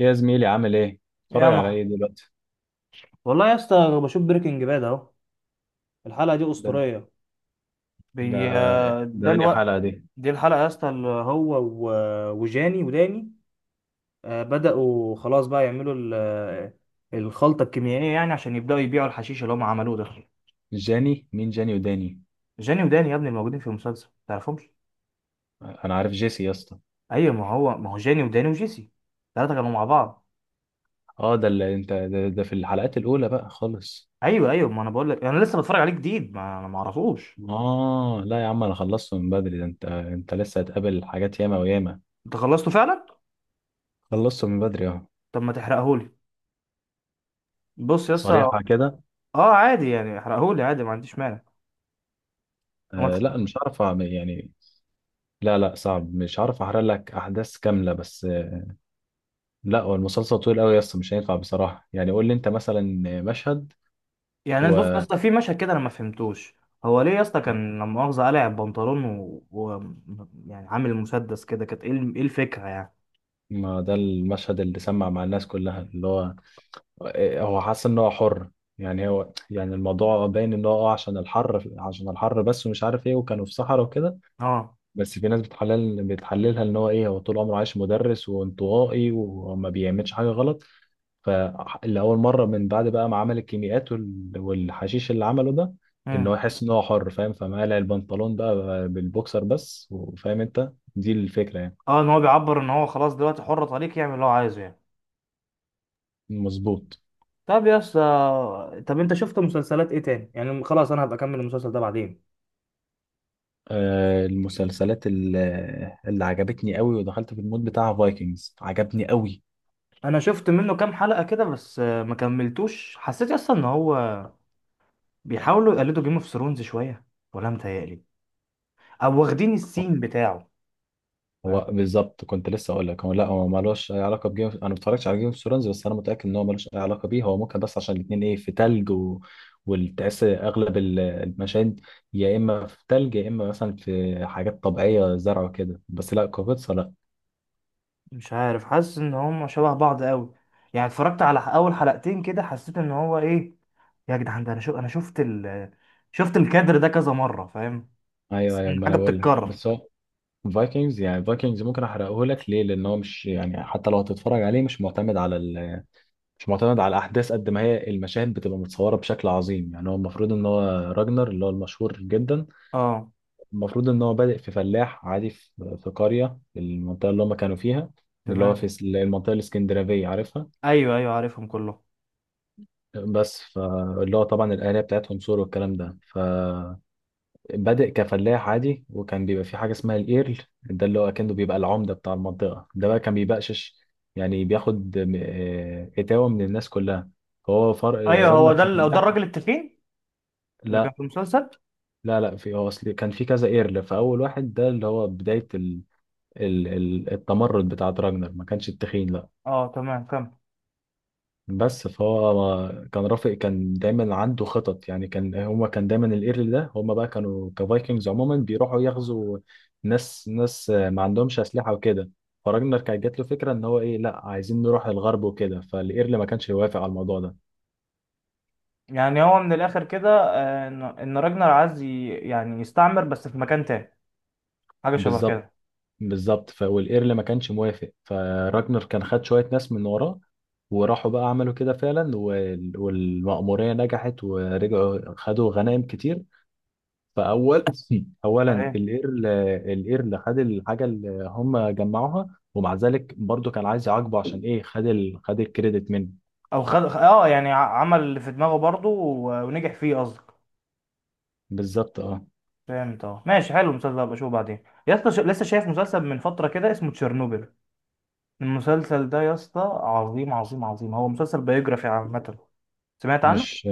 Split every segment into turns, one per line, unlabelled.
يا زميلي عامل ايه؟
يا
اتفرج على
محمد،
ايه دلوقتي؟
والله يا اسطى أنا بشوف بريكنج باد اهو. الحلقه دي
ده
اسطوريه.
ده
بي...
ده
ده
انهي
الوقت.
حلقة دي؟
دي الحلقه يا اسطى اللي هو وجاني وداني. بداوا خلاص بقى يعملوا الخلطه الكيميائيه يعني عشان يبداوا يبيعوا الحشيش اللي هم عملوه ده.
جاني؟ مين جاني وداني؟
جاني وداني يا ابني الموجودين في المسلسل تعرفهمش.
انا عارف جيسي يا اسطى.
ايوه، ما هو جاني وداني وجيسي. الثلاثه كانوا مع بعض.
اه، ده اللي انت ده في الحلقات الأولى بقى خالص.
ايوه ايوه، ما انا بقول لك انا لسه بتفرج عليه جديد ما انا ما اعرفوش.
اه لا يا عم، انا خلصته من بدري، ده انت لسه هتقابل حاجات ياما وياما.
انت خلصته فعلا؟
خلصته من بدري، اه.
طب ما تحرقهولي. بص يا اسطى.
صريحة كده.
اه عادي، يعني احرقهولي عادي ما عنديش مانع. هو
آه
الخ-
لا، مش عارف يعني. لا لا، صعب، مش عارف احرق لك احداث كاملة بس. لا، هو المسلسل طويل قوي يا اسطى، مش هينفع بصراحة، يعني قول لي انت مثلا.
يعني أنا بص يا
مشهد.
اسطى في مشهد كده انا ما فهمتوش. هو ليه يا اسطى كان لما مؤاخذة قلع البنطلون يعني عامل مسدس كده، كانت ايه إيه الفكرة يعني؟
ما ده المشهد اللي سمع مع الناس كلها اللي هو هو حاسس ان هو حر. يعني هو، يعني الموضوع باين ان هو عشان الحر، عشان الحر بس، ومش عارف ايه، وكانوا في صحراء وكده.
اه.
بس في ناس بتحللها ان هو ايه، هو طول عمره عايش مدرس وانطوائي وما بيعملش حاجه غلط. فلأول مره من بعد بقى ما عمل الكيميائيات والحشيش اللي عمله ده، ان هو
امم.
يحس ان هو حر، فاهم، فمقلع البنطلون بقى، بالبوكسر بس، وفاهم انت دي الفكره يعني.
اه، ان هو بيعبر ان هو خلاص دلوقتي حر، طريق يعمل اللي هو عايزه يعني.
مظبوط.
طب يا اسطى، طب انت شفت مسلسلات ايه تاني؟ يعني خلاص انا هبقى اكمل المسلسل ده بعدين.
المسلسلات اللي عجبتني قوي، ودخلت في المود بتاع فايكنجز، عجبني قوي.
انا شفت منه كام حلقة كده بس، ما كملتوش. حسيت يا اسطى ان هو بيحاولوا يقلدوا جيم اوف ثرونز شوية، ولا متهيألي، او واخدين السين بتاعه.
هو
فاهم؟
بالظبط كنت لسه اقول لك، هو لا، هو مالوش اي علاقه بجيم، انا ما اتفرجتش على جيم اوف ثرونز، بس انا متاكد ان هو مالوش اي علاقه بيه. هو ممكن بس عشان الاثنين ايه، في تلج والتعس اغلب المشاهد. يا اما في تلج يا اما مثلا في حاجات طبيعيه زرع وكده، بس لا كوفيتسا لا.
مش عارف، حاسس ان هم شبه بعض قوي. يعني اتفرجت على اول حلقتين كده حسيت ان هو ايه، يا جدعان ده انا شو انا شفت شفت الكادر ده كذا مرة، فاهم؟
ايوه
حاسس
ايوه،
إن
ما انا
حاجة
بقول لك،
بتتكرر.
بس هو فايكنجز، يعني فايكنجز ممكن احرقه لك ليه، لان هو مش يعني، حتى لو هتتفرج عليه مش معتمد على الاحداث قد ما هي المشاهد بتبقى متصوره بشكل عظيم. يعني هو المفروض ان هو راجنر اللي هو المشهور جدا،
اه
المفروض ان هو بادئ في فلاح عادي، في قريه المنطقه اللي هم كانوا فيها. اللي هو في
تمام.
المنطقه الاسكندنافيه عارفها.
ايوه ايوه عارفهم كلهم.
بس فاللي هو طبعا الاهالي بتاعتهم سور والكلام ده، فبادئ كفلاح عادي. وكان بيبقى في حاجه اسمها الايرل، ده اللي هو كأنه بيبقى العمده بتاع المنطقه، ده بقى كان بيبقشش، يعني بياخد اتاوه من الناس كلها. هو فرق
ايوه، هو
راجنر
ده
كان
ده
فلاح.
الراجل التخين اللي كان
لا
في المسلسل.
لا لا، في هو اصل كان في كذا ايرل، فاول واحد ده اللي هو بدايه التمرد بتاع دراجنر، ما كانش التخين لا.
اه تمام، كمل.
بس فهو كان رافق، كان دايما عنده خطط، يعني كان هما، كان دايما الايرل ده هما بقى كانوا كفايكنجز عموما بيروحوا يغزوا ناس ناس ما عندهمش اسلحه وكده. فراجنر كانت جات له فكره ان هو ايه، لا عايزين نروح الغرب وكده، فالايرل ما كانش يوافق على الموضوع ده.
يعني هو من الاخر كده، ان إن راجنر عايز يعني يستعمر بس في مكان تاني، حاجة شبه
بالظبط.
كده.
بالظبط، والايرل ما كانش موافق، فراجنر كان خد شويه ناس من وراه، وراحوا بقى عملوا كده فعلا، والمأمورية نجحت ورجعوا خدوا غنائم كتير. فأول أولا
ايه؟
الإيرل. الإيرل خد الحاجة اللي هم جمعوها، ومع ذلك برضو كان عايز يعاقبه، عشان إيه، خد خد الكريدت منه.
او خد، اه يعني عمل اللي في دماغه برضه ونجح فيه قصدي.
بالظبط، اه.
فهمت. اه ماشي، حلو. المسلسل ده بشوفه بعدين يا اسطى. لسه شايف مسلسل من فتره كده اسمه تشيرنوبل. المسلسل ده يا اسطى عظيم عظيم عظيم. هو مسلسل بيوجرافي عامه. سمعت عنه؟
مش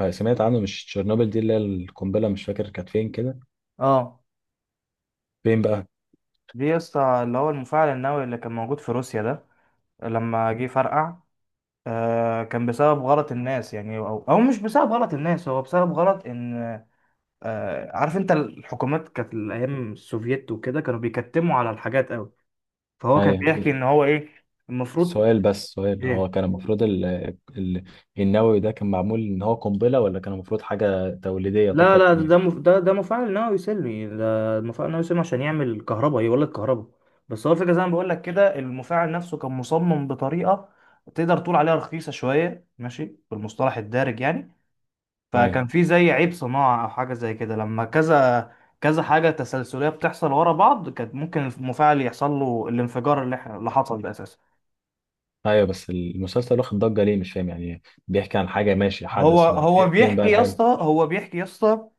آه، سمعت عنه. مش تشيرنوبل دي اللي هي القنبلة، مش فاكر كانت فين كده؟
اه،
فين بقى؟
دي يا اسطى اللي هو المفاعل النووي اللي كان موجود في روسيا ده لما جه فرقع. آه كان بسبب غلط الناس يعني، او او مش بسبب غلط الناس، هو بسبب غلط ان، آه عارف انت الحكومات كانت الايام السوفييت وكده كانوا بيكتموا على الحاجات قوي. فهو كان بيحكي ان
أيوه.
هو ايه، المفروض.
سؤال، بس سؤال،
إيه؟
هو كان المفروض ال... النووي ده كان معمول ان هو قنبلة، ولا كان المفروض حاجة توليدية
لا
فقط
لا، ده
يعني؟
ده مف... ده, ده مفاعل نووي سلمي، ده مفاعل نووي سلمي عشان يعمل كهرباء، يولد كهرباء. بس هو الفكره زي ما بقول لك كده، المفاعل نفسه كان مصمم بطريقه تقدر تقول عليها رخيصه شويه ماشي بالمصطلح الدارج يعني.
ايوه
فكان في زي عيب صناعه او حاجه زي كده، لما كذا كذا حاجه تسلسليه بتحصل ورا بعض كانت ممكن المفاعل يحصل له الانفجار اللي حصل ده اساسا.
ايوه، بس المسلسل واخد ضجة ليه، مش فاهم يعني، بيحكي عن حاجة ماشي،
هو
حدث ما،
هو
فين فين بقى
بيحكي يا
الحلو؟
اسطى هو بيحكي يا اسطى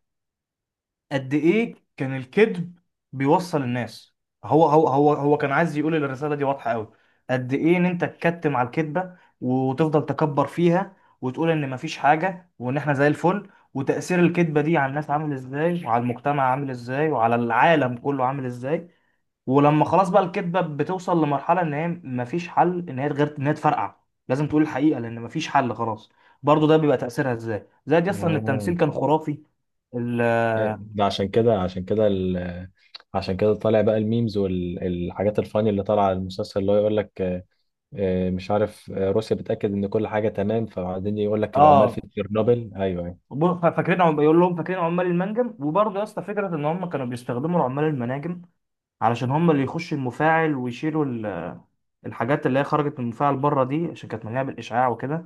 قد ايه كان الكذب بيوصل الناس. هو كان عايز يقول إن الرساله دي واضحه قوي، قد ايه ان انت تكتم على الكذبه وتفضل تكبر فيها وتقول ان مفيش حاجه وان احنا زي الفل، وتاثير الكذبه دي على الناس عامل ازاي وعلى المجتمع عامل ازاي وعلى العالم كله عامل ازاي. ولما خلاص بقى الكذبه بتوصل لمرحله ان هي مفيش حل ان هي غير ان هي تفرقع، لازم تقول الحقيقه لان مفيش حل خلاص. برضو ده بيبقى تاثيرها ازاي، زائد اصلا ان التمثيل
اه.
كان خرافي.
أيوة،
ال-
ده عشان كده، عشان كده عشان كده طالع بقى الميمز والحاجات الفاني اللي طالعه على المسلسل، اللي هو يقول لك مش عارف، روسيا بتأكد ان كل حاجة تمام، فبعدين يقول لك العمال في
اه
تشيرنوبل ايوه أيوه.
بيقول لهم فاكرين عمال المنجم. وبرضه يا اسطى فكره ان هم كانوا بيستخدموا العمال المناجم علشان هم اللي يخشوا المفاعل ويشيلوا الحاجات اللي هي خرجت من المفاعل بره دي عشان كانت مليانه بالاشعاع وكده.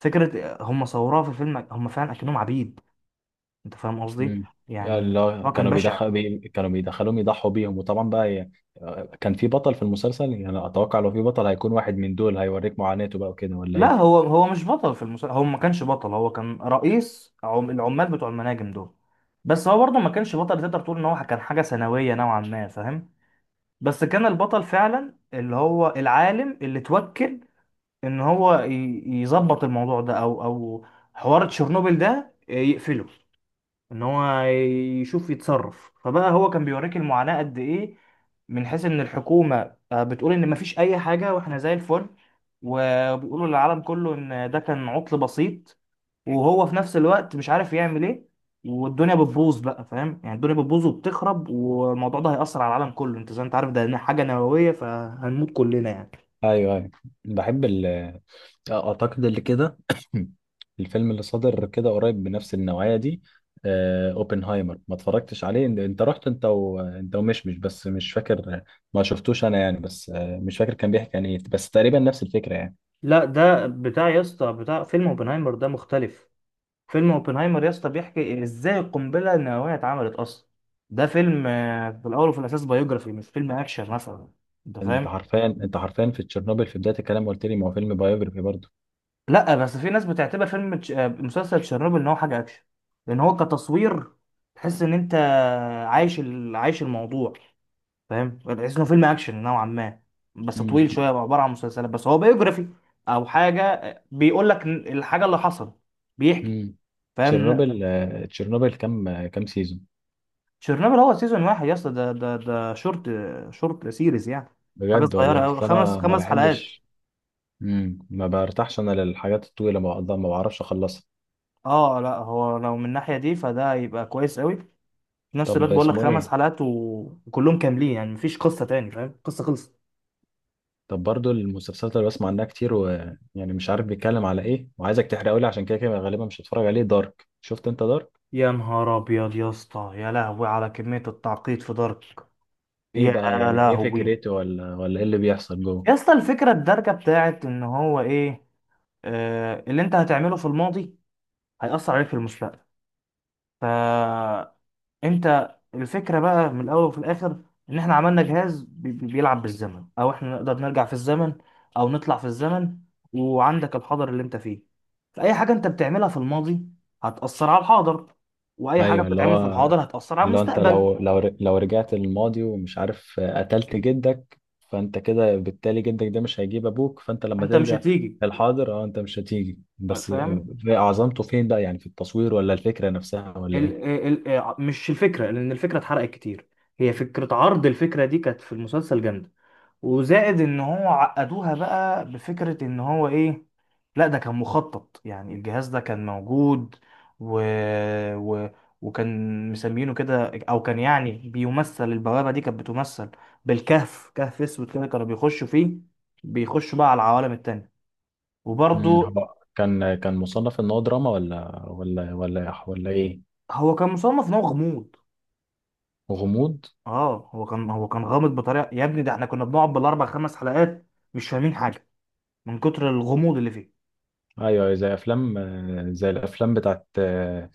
فكره هم صوروها في الفيلم هم فعلا اكنهم عبيد، انت فاهم قصدي
مم.
يعني.
اللي هو
هو كان
كانوا
بشع.
كانوا بيدخلوهم يضحوا بيهم، وطبعا بقى كان في بطل في المسلسل يعني. اتوقع لو في بطل هيكون واحد من دول، هيوريك معاناته بقى وكده، ولا
لا
ايه؟
هو هو مش بطل في المسلسل، هو ما كانش بطل، هو كان رئيس العمال بتوع المناجم دول. بس هو برضه ما كانش بطل، تقدر تقول ان هو كان حاجه ثانويه نوعا ما، فاهم. بس كان البطل فعلا اللي هو العالم اللي توكل ان هو يظبط الموضوع ده، او او حوار تشيرنوبل ده يقفله، ان هو يشوف يتصرف. فبقى هو كان بيوريك المعاناة قد ايه، من حيث ان الحكومة بتقول ان مفيش اي حاجة واحنا زي الفل وبيقولوا للعالم كله ان ده كان عطل بسيط، وهو في نفس الوقت مش عارف يعمل ايه والدنيا بتبوظ بقى. فاهم يعني، الدنيا بتبوظ وبتخرب والموضوع ده هيأثر على العالم كله، انت زي ما انت عارف ده حاجة نووية فهنموت كلنا يعني.
ايوه ايوه. بحب اعتقد اللي كده. الفيلم اللي صدر كده قريب بنفس النوعية دي، اوبنهايمر، ما اتفرجتش عليه. انت رحت انت ومشمش، بس مش فاكر، ما شفتوش انا يعني. بس مش فاكر كان بيحكي عن ايه، بس تقريبا نفس الفكرة يعني.
لا ده بتاع يا اسطى، بتاع فيلم اوبنهايمر ده مختلف. فيلم اوبنهايمر يا اسطى بيحكي ازاي القنبله النوويه اتعملت اصلا. ده فيلم في الاول وفي الاساس بايوجرافي، مش فيلم اكشن مثلا، انت
انت
فاهم.
حرفيا انت حرفيا في تشيرنوبل في بدايه الكلام قلت لي ما هو فيلم بايوجرافي برضه.
لا بس في ناس بتعتبر فيلم تش- آه، مسلسل تشيرنوبل ان هو حاجه اكشن، لان هو كتصوير تحس ان انت عايش الموضوع، فاهم. تحس انه فيلم اكشن نوعا ما، بس
امم.
طويل شويه عباره عن مسلسلات، بس هو بايوجرافي. او حاجه بيقول لك الحاجه اللي حصلت، بيحكي،
امم.
فاهم.
تشيرنوبل كام سيزون؟
تشيرنوبل هو سيزون واحد يا اسطى، ده شورت، شورت سيريز يعني. حاجه
بجد
صغيره
والله؟
قوي،
اصل
خمس
انا ما
خمس حلقات.
بحبش. مم. ما برتاحش انا للحاجات الطويله، ما بعرفش اخلصها.
اه لا هو لو من الناحيه دي فده يبقى كويس قوي، في نفس الوقت
طب
بقول لك
اسمه
خمس
ايه؟
حلقات وكلهم كاملين يعني مفيش قصه تاني، فاهم، قصه خلصت.
طب برضو المسلسلات اللي بسمع عنها كتير، ويعني مش عارف بيتكلم على ايه، وعايزك تحرقه لي عشان كده كده غالبا مش هتفرج عليه. دارك، شفت انت دارك؟
يا نهار ابيض يا اسطى، يا لهوي على كميه التعقيد في دارك.
ايه
يا
بقى يعني؟ ايه
لهوي.
فكرته ولا ايه اللي بيحصل جوه؟
يا اسطى الفكره الدارجه بتاعت ان هو ايه، آه اللي انت هتعمله في الماضي هيأثر عليك في المستقبل. ف انت الفكره بقى من الاول وفي الاخر ان احنا عملنا جهاز بيلعب بالزمن او احنا نقدر نرجع في الزمن او نطلع في الزمن، وعندك الحاضر اللي انت فيه. فاي حاجه انت بتعملها في الماضي هتاثر على الحاضر، واي حاجه
ايوه، اللي
بتتعمل في
هو
الحاضر هتاثر على
لو انت
المستقبل.
لو لو لو رجعت للماضي ومش عارف قتلت جدك، فانت كده بالتالي جدك ده مش هيجيب ابوك، فانت لما
انت مش
ترجع
هتيجي،
للحاضر، اه، انت مش هتيجي بس.
فاهم.
في عظمته فين بقى؟ يعني في التصوير، ولا الفكرة نفسها، ولا
ال
ايه؟
ال ال آه، مش الفكره لان الفكره اتحرقت كتير، هي فكره عرض الفكره دي كانت في المسلسل جامده. وزائد ان هو عقدوها بقى بفكرة ان هو ايه، لا ده كان مخطط، يعني الجهاز ده كان موجود و... و... وكان مسمينه كده، او كان يعني بيمثل، البوابة دي كانت بتمثل بالكهف، كهف اسود كده كانوا بيخشوا فيه، بيخشوا بقى على العوالم التانية.
امم.
وبرضو،
هو كان مصنف ان هو دراما ولا ايه؟
هو كان مصنف ان هو غموض.
غموض.
اه هو كان هو كان غامض بطريقة يا ابني ده احنا كنا بنقعد بالاربع خمس حلقات مش فاهمين حاجة من كتر الغموض اللي فيه.
ايوه، زي افلام، زي الافلام بتاعت،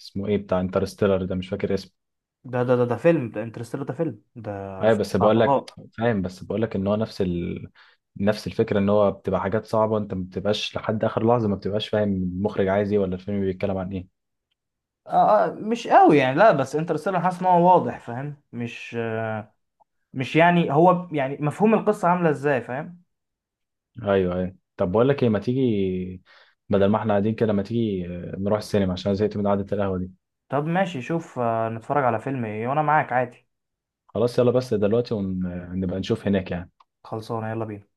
اسمه ايه، بتاع انترستيلر ده مش فاكر اسمه.
ده فيلم ده انترستيلر، ده فيلم، ده
ايوه،
فيلم
بس
بتاع
بقول لك
فضاء.
فاهم، بس بقول لك ان هو نفس نفس الفكره، ان هو بتبقى حاجات صعبه، انت ما بتبقاش لحد اخر لحظه ما بتبقاش فاهم المخرج عايز ايه، ولا الفيلم بيتكلم عن ايه.
مش قوي يعني، لا بس انترستيلر حاسس ان هو واضح، فاهم، مش آه، مش يعني هو يعني مفهوم القصة عاملة ازاي، فاهم.
ايوه ايوه. طب بقول لك ايه، ما تيجي، بدل ما احنا قاعدين كده، ما تيجي نروح السينما، عشان أنا زهقت من قعده القهوه دي.
طب ماشي، شوف نتفرج على فيلم ايه وانا معاك عادي.
خلاص، يلا بس دلوقتي، ونبقى نشوف هناك يعني.
خلصانة يلا بينا.